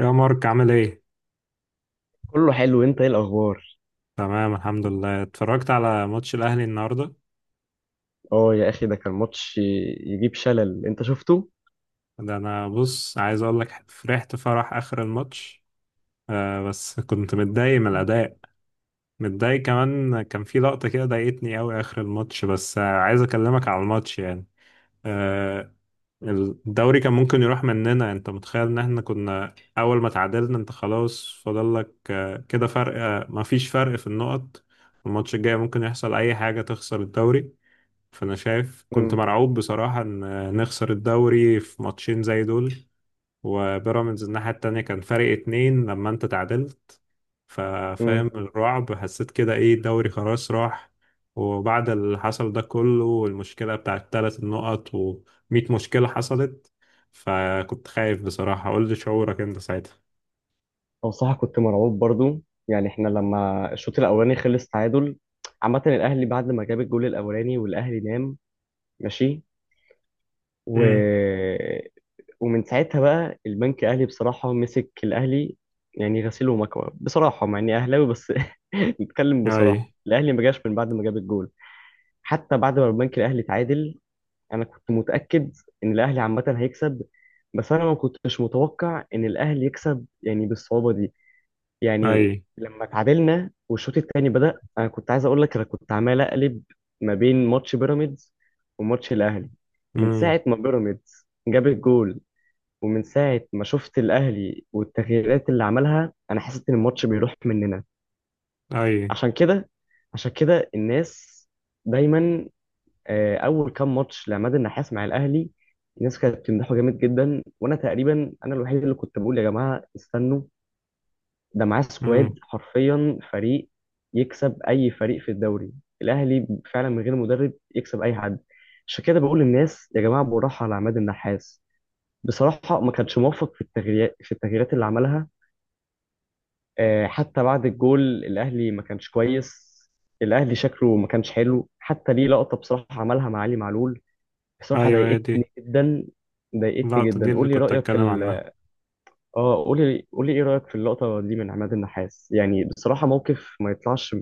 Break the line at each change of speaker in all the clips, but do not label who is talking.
يا مارك، عامل ايه؟
كله حلو. انت ايه الاخبار؟
تمام، الحمد لله. اتفرجت على ماتش الاهلي النهارده.
اه يا اخي، ده كان ماتش يجيب شلل، انت شفته؟
ده انا بص، عايز اقول لك فرحت فرح اخر الماتش. آه، بس كنت متضايق من الاداء. متضايق كمان، كان في لقطه كده ضايقتني قوي اخر الماتش، بس عايز اكلمك على الماتش يعني. آه. الدوري كان ممكن يروح مننا. انت متخيل ان احنا كنا اول ما تعادلنا انت خلاص فاضل لك كده فرق، مفيش فرق في النقط. الماتش الجاي ممكن يحصل اي حاجه تخسر الدوري. فانا شايف، كنت
امم.
مرعوب بصراحة ان نخسر الدوري في ماتشين زي دول. وبيراميدز الناحية التانية كان فرق 2 لما انت تعادلت. ففاهم
امم.
الرعب، حسيت كده ايه، الدوري خلاص راح. وبعد اللي حصل ده كله، والمشكلة بتاعت 3 النقط ومية مشكلة حصلت، فكنت خايف بصراحة. قول لي شعورك انت ساعتها.
او صح، كنت مرعوب برضو. يعني احنا لما الشوط الاولاني خلص تعادل، عامه الاهلي بعد ما جاب الجول الاولاني والاهلي نام. ماشي. و...
امم.
ومن ساعتها بقى البنك الاهلي بصراحه مسك الاهلي، يعني غسيل ومكوى بصراحه، مع اني اهلاوي بس. نتكلم
اي.
بصراحه، الاهلي ما جاش من بعد ما جاب الجول، حتى بعد ما البنك الاهلي تعادل. انا كنت متاكد ان الاهلي عامه هيكسب، بس انا ما كنتش متوقع ان الاهلي يكسب يعني بالصعوبه دي.
اي.
يعني لما تعادلنا والشوط الثاني بدا، انا كنت عايز اقول لك انا كنت عمال اقلب ما بين ماتش بيراميدز وماتش الاهلي. من
امم.
ساعه ما بيراميدز جاب الجول ومن ساعه ما شفت الاهلي والتغييرات اللي عملها، انا حسيت ان الماتش بيروح مننا.
اي.
عشان كده، الناس دايما، اول كام ماتش لعماد النحاس مع الاهلي، الناس كانت بتمدحه جامد جدا، وانا تقريبا انا الوحيد اللي كنت بقول يا جماعه استنوا، ده معاه سكواد
امم.
حرفيا فريق يكسب اي فريق في الدوري. الاهلي فعلا من غير مدرب يكسب اي حد. عشان كده بقول للناس يا جماعه بالراحه على عماد النحاس. بصراحه ما كانش موفق في التغييرات، اللي عملها. حتى بعد الجول الاهلي ما كانش كويس. الاهلي شكله ما كانش حلو. حتى ليه لقطه بصراحه عملها مع علي معلول، بصراحة
ايوه، هي
ضايقتني
دي.
جدا. ضايقتني
اللقطة دي
جدا.
اللي
قول لي
كنت
رأيك في
اتكلم عنها.
ال... اه، قول لي، قول لي ايه رأيك في اللقطة دي من عماد النحاس؟ يعني بصراحة موقف ما يطلعش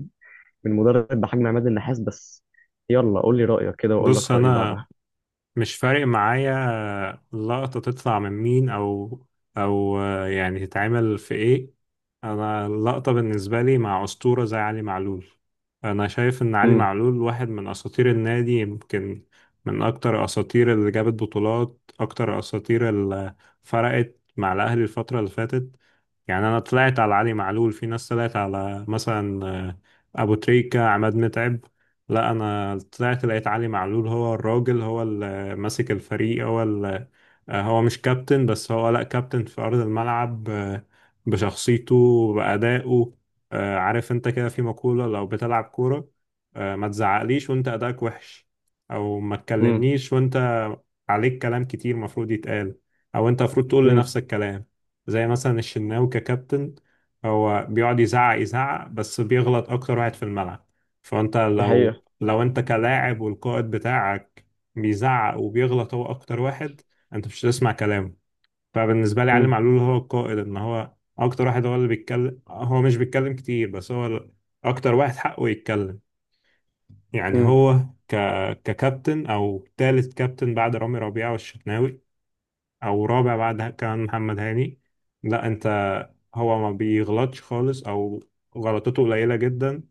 من مدرب بحجم عماد النحاس. بس يلا قول لي رأيك كده واقول
بص،
لك رأيي
انا
بعدها.
مش فارق معايا اللقطة تطلع من مين، أو يعني تتعمل في إيه. أنا اللقطة بالنسبة لي مع أسطورة زي علي معلول. أنا شايف إن علي
امم.
معلول واحد من أساطير النادي، يمكن من أكتر أساطير اللي جابت بطولات، أكتر أساطير اللي فرقت مع الأهلي الفترة اللي فاتت. يعني أنا طلعت على علي معلول، في ناس طلعت على مثلا أبو تريكة، عماد متعب. لا، أنا طلعت لقيت علي معلول هو الراجل، هو ماسك الفريق، هو هو مش كابتن بس، هو لا كابتن في أرض الملعب بشخصيته، بأدائه. عارف انت كده في مقولة، لو بتلعب كورة ما تزعقليش وانت أدائك وحش، أو ما
امم.
تكلمنيش وانت عليك كلام كتير مفروض يتقال، أو انت مفروض تقول
امم.
لنفسك كلام، زي مثلا الشناوي ككابتن. هو بيقعد يزعق يزعق بس بيغلط أكتر واحد في الملعب. فانت
دي
لو
حقيقة.
لو انت كلاعب والقائد بتاعك بيزعق وبيغلط هو اكتر واحد، انت مش هتسمع كلامه. فبالنسبه لي علي
امم.
معلول هو القائد، ان هو اكتر واحد، هو اللي بيتكلم. هو مش بيتكلم كتير بس هو اكتر واحد حقه يتكلم. يعني
امم.
هو ك... ككابتن او تالت كابتن بعد رامي ربيعه والشناوي، او رابع بعد كمان محمد هاني. لا انت، هو ما بيغلطش خالص او غلطته قليله جدا،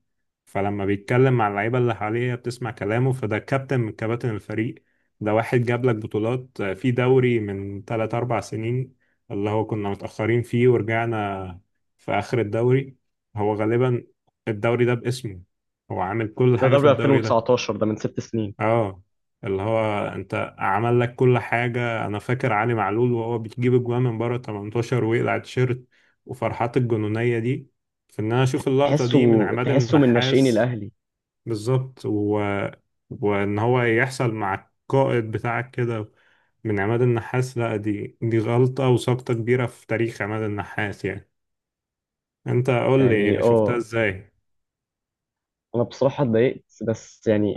فلما بيتكلم مع اللعيبة اللي حواليه بتسمع كلامه. فده كابتن من كباتن الفريق. ده واحد جاب لك بطولات في دوري من 3 4 سنين، اللي هو كنا متأخرين فيه ورجعنا في آخر الدوري. هو غالبا الدوري ده باسمه، هو عامل كل
ده
حاجة في
دوري
الدوري ده.
2019، ده من 6 سنين.
اه. اللي هو انت عمل لك كل حاجة، انا فاكر علي معلول وهو بيجيب اجوان من بره 18 ويقلع التيشيرت وفرحات الجنونية دي، في ان انا اشوف اللقطة دي من
تحسه
عماد
تحسه من ناشئين
النحاس.
الأهلي.
بالظبط. وان هو يحصل مع القائد بتاعك كده من عماد النحاس، لا، دي غلطة وسقطة كبيرة في تاريخ عماد النحاس يعني. انت قول
يعني
لي شفتها
اه،
ازاي.
انا بصراحة اتضايقت، بس يعني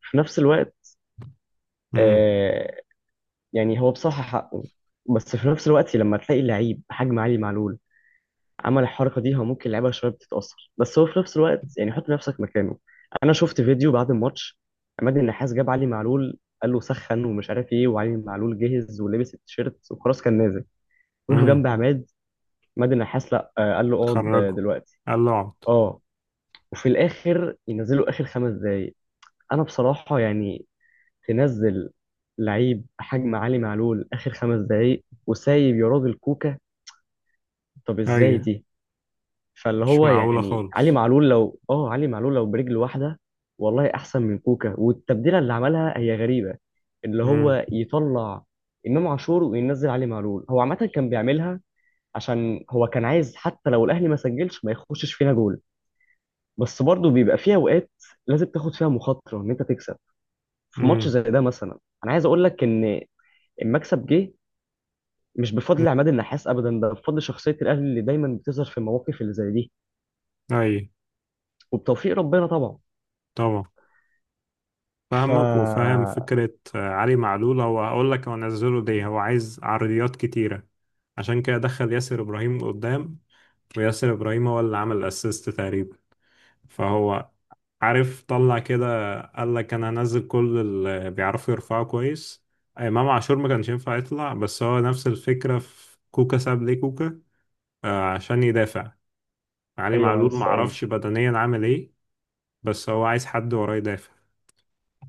في نفس الوقت،
امم.
آه، يعني هو بصراحة حقه، بس في نفس الوقت لما تلاقي لعيب حجم علي معلول عمل الحركة دي، هو ممكن اللعيبة شوية بتتأثر، بس هو في نفس الوقت يعني حط نفسك مكانه. أنا شفت فيديو بعد الماتش، عماد النحاس جاب علي معلول قال له سخن ومش عارف ايه، وعلي معلول جهز ولبس التيشيرت وخلاص كان نازل، وقف
امم.
جنب عماد. عماد النحاس لا، قال له اقعد
خرجه،
دلوقتي.
قال له اقعد.
اه. وفي الآخر ينزلوا آخر 5 دقايق. أنا بصراحة يعني تنزل لعيب حجم علي معلول اخر 5 دقايق وسايب يا راجل كوكا؟ طب ازاي
ايوه.
دي؟ فاللي
مش
هو
معقولة
يعني علي
خالص.
معلول لو، برجل واحده والله احسن من كوكا. والتبديله اللي عملها هي غريبه، اللي هو
امم.
يطلع امام عاشور وينزل علي معلول. هو عامه كان بيعملها عشان هو كان عايز حتى لو الاهلي ما سجلش ما يخشش فينا جول، بس برضه بيبقى فيها اوقات لازم تاخد فيها مخاطره ان انت تكسب في ماتش
امم.
زي ده مثلا. انا عايز اقول لك ان المكسب جه مش بفضل عماد النحاس ابدا، ده بفضل شخصيه الاهلي اللي دايما بتظهر في المواقف اللي زي دي،
ايوه.
وبتوفيق ربنا طبعا.
طبعا.
ف
فاهمك وفاهم فكرة. علي معلول هو، هقول لك هو نزله ليه، هو عايز عرضيات كتيرة. عشان كده دخل ياسر إبراهيم قدام، وياسر إبراهيم هو اللي عمل أسيست تقريبا. فهو عارف، طلع كده قال لك أنا هنزل كل اللي بيعرفوا يرفعوا كويس. إمام عاشور ما كانش ينفع يطلع، بس هو نفس الفكرة في كوكا، ساب ليه كوكا عشان يدافع. علي
ايوه، ما أنا
معلول
لسه قايل.
معرفش بدنيا عامل إيه بس هو عايز حد وراه يدافع.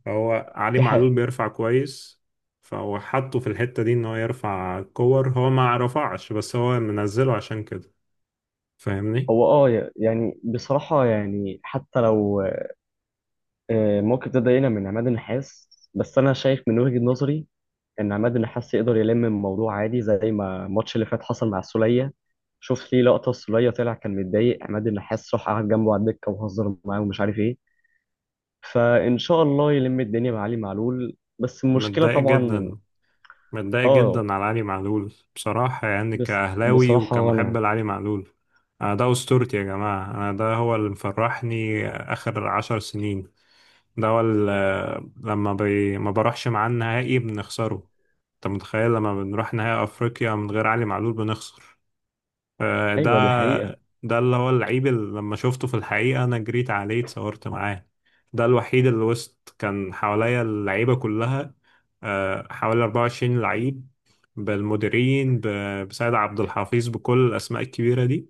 هو علي
دي حقيقة.
معلول بيرفع كويس، فهو حطه في الحتة دي ان هو يرفع كور، هو ما رفعش، بس هو منزله عشان كده. فاهمني.
هو اه يعني بصراحه، يعني حتى لو موقف ده ضايقنا من عماد النحاس، بس انا شايف من وجهه نظري ان عماد النحاس يقدر يلم الموضوع عادي، زي ما الماتش اللي فات حصل مع السوليه. شوف ليه لقطه السوليه طلع كان متضايق، عماد النحاس راح قعد جنبه على الدكه وهزر معاه ومش عارف ايه. فإن شاء الله يلم الدنيا بعلي معلول، بس المشكلة
متضايق
طبعا...
جدا، متضايق
آه.
جدا على علي معلول بصراحة يعني،
بس
كأهلاوي
بصراحة
وكمحب
وأنا...
لعلي معلول. أنا ده أسطورتي يا جماعة، أنا ده هو اللي مفرحني آخر 10 سنين. ده هو اللي لما ما بروحش معاه النهائي بنخسره. أنت متخيل، لما بنروح نهائي أفريقيا من غير علي معلول بنخسر. ده،
أيوة، دي حقيقة.
ده اللي هو اللعيب اللي لما شفته في الحقيقة أنا جريت عليه اتصورت معاه. ده الوحيد اللي وسط كان حواليا اللعيبة كلها، حوالي 24 لعيب، بالمديرين بسيد عبد الحفيظ بكل الأسماء الكبيرة دي،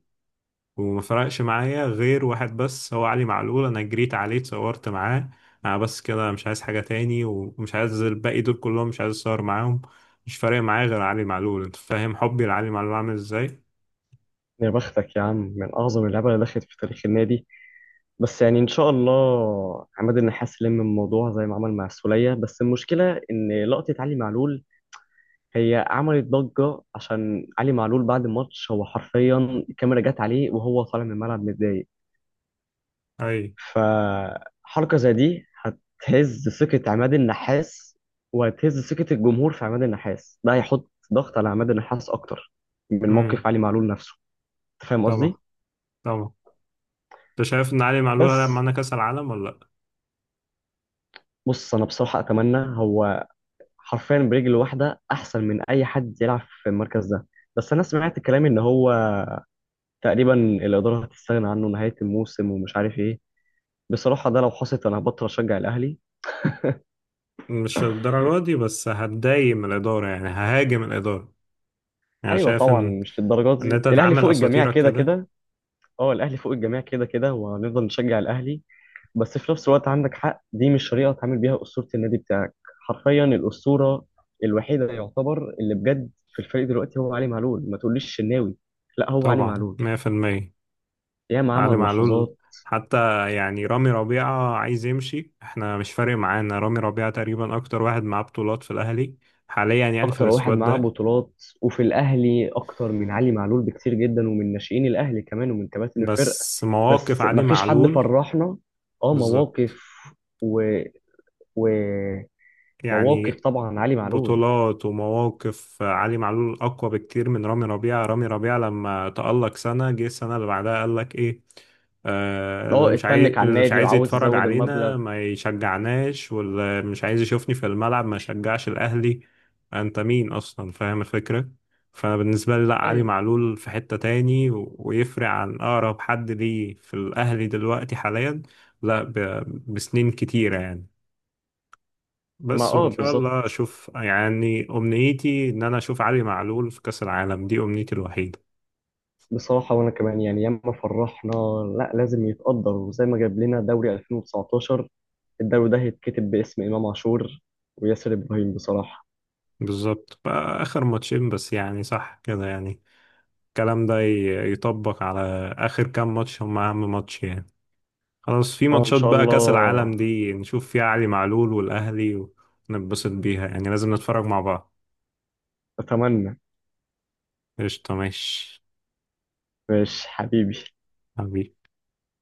وما فرقش معايا غير واحد بس هو علي معلول. أنا جريت عليه اتصورت معاه. أنا بس كده، مش عايز حاجة تاني ومش عايز الباقي دول كلهم، مش عايز أتصور معاهم. مش فارق معايا غير علي معلول. أنت فاهم حبي لعلي معلول عامل إزاي؟
يا بختك يا عم، من أعظم اللعيبة اللي دخلت في تاريخ النادي. بس يعني إن شاء الله عماد النحاس لم الموضوع زي ما عمل مع السولية، بس المشكلة إن لقطة علي معلول هي عملت ضجة، عشان علي معلول بعد الماتش هو حرفيا الكاميرا جت عليه وهو طالع من الملعب متضايق.
أي.
فحركة زي دي هتهز ثقة عماد النحاس وهتهز ثقة الجمهور في عماد النحاس. ده هيحط ضغط على عماد النحاس أكتر من
امم.
موقف علي معلول نفسه. أنت فاهم
طبعا.
قصدي؟
طبعا. انت شايف ان علي معلول هيلعب
بس
معانا كاس العالم ولا لا.
بص، أنا بصراحة أتمنى هو حرفيا برجل واحدة أحسن من أي حد يلعب في المركز ده. بس أنا سمعت كلام إن هو تقريبا الإدارة هتستغنى عنه نهاية الموسم، ومش عارف إيه. بصراحة ده لو حصلت أنا هبطل أشجع الأهلي.
مش الدرجه دي، بس هتضايق من الاداره يعني، ههاجم الاداره. يعني
أيوة
شايف
طبعا،
ان
مش للدرجات
ان
دي،
انت
الأهلي
تعامل
فوق الجميع
اساطيرك
كده
كده.
كده. اه، الاهلي فوق الجميع كده كده، وهنفضل نشجع الاهلي، بس في نفس الوقت عندك حق، دي مش طريقه تعمل بيها اسطوره النادي بتاعك. حرفيا الاسطوره الوحيده يعتبر اللي بجد في الفريق دلوقتي هو علي معلول. ما تقوليش الشناوي، لا، هو علي
طبعا،
معلول.
100%.
ياما
علي
عمل
معلول،
لحظات.
حتى يعني رامي ربيعة عايز يمشي، احنا مش فارق معانا. رامي ربيعة تقريبا اكتر واحد معاه بطولات في الاهلي حاليا، يعني في
اكتر واحد
السكواد
معاه
ده.
بطولات وفي الاهلي اكتر من علي معلول بكتير جدا، ومن ناشئين الاهلي كمان ومن كباتن الفرقه،
بس مواقف
بس
علي
ما فيش حد
معلول،
فرحنا. اه،
بالظبط.
مواقف. و... ومواقف.
يعني
طبعا علي معلول.
بطولات ومواقف علي معلول أقوى بكتير من رامي ربيعة. رامي ربيعة لما تألق سنة، جه السنة اللي بعدها قال لك إيه، اللي
اه،
مش عايز،
اتنك على النادي وعاوز
يتفرج
يزود المبلغ.
علينا ما يشجعناش، واللي مش عايز يشوفني في الملعب ما يشجعش الأهلي. أنت مين أصلا؟ فاهم الفكرة. فأنا بالنسبة لي لأ، علي
ايوه،
معلول في حتة تاني ويفرق عن أقرب حد ليه في الأهلي دلوقتي حاليا. لأ، بسنين كتيرة يعني.
ما
بس
اه
وان شاء
بالظبط.
الله اشوف، يعني امنيتي ان انا اشوف علي معلول في كاس العالم. دي امنيتي الوحيده.
بصراحة وانا كمان يعني ياما فرحنا، لا لازم يتقدر، وزي ما جاب لنا دوري 2019، الدوري ده هيتكتب باسم امام عاشور وياسر ابراهيم بصراحة.
بالظبط، بقى اخر ماتشين بس يعني، صح كده يعني. الكلام ده يطبق على اخر كام ماتش، هم اهم ماتش يعني. خلاص، في
اه، ان
ماتشات
شاء
بقى، كاس العالم
الله.
دي نشوف فيها علي معلول والاهلي ونتبسط بيها يعني. لازم نتفرج مع بعض.
اتمنى.
قشطه، ماشي.
ماشي حبيبي.
حبيبي.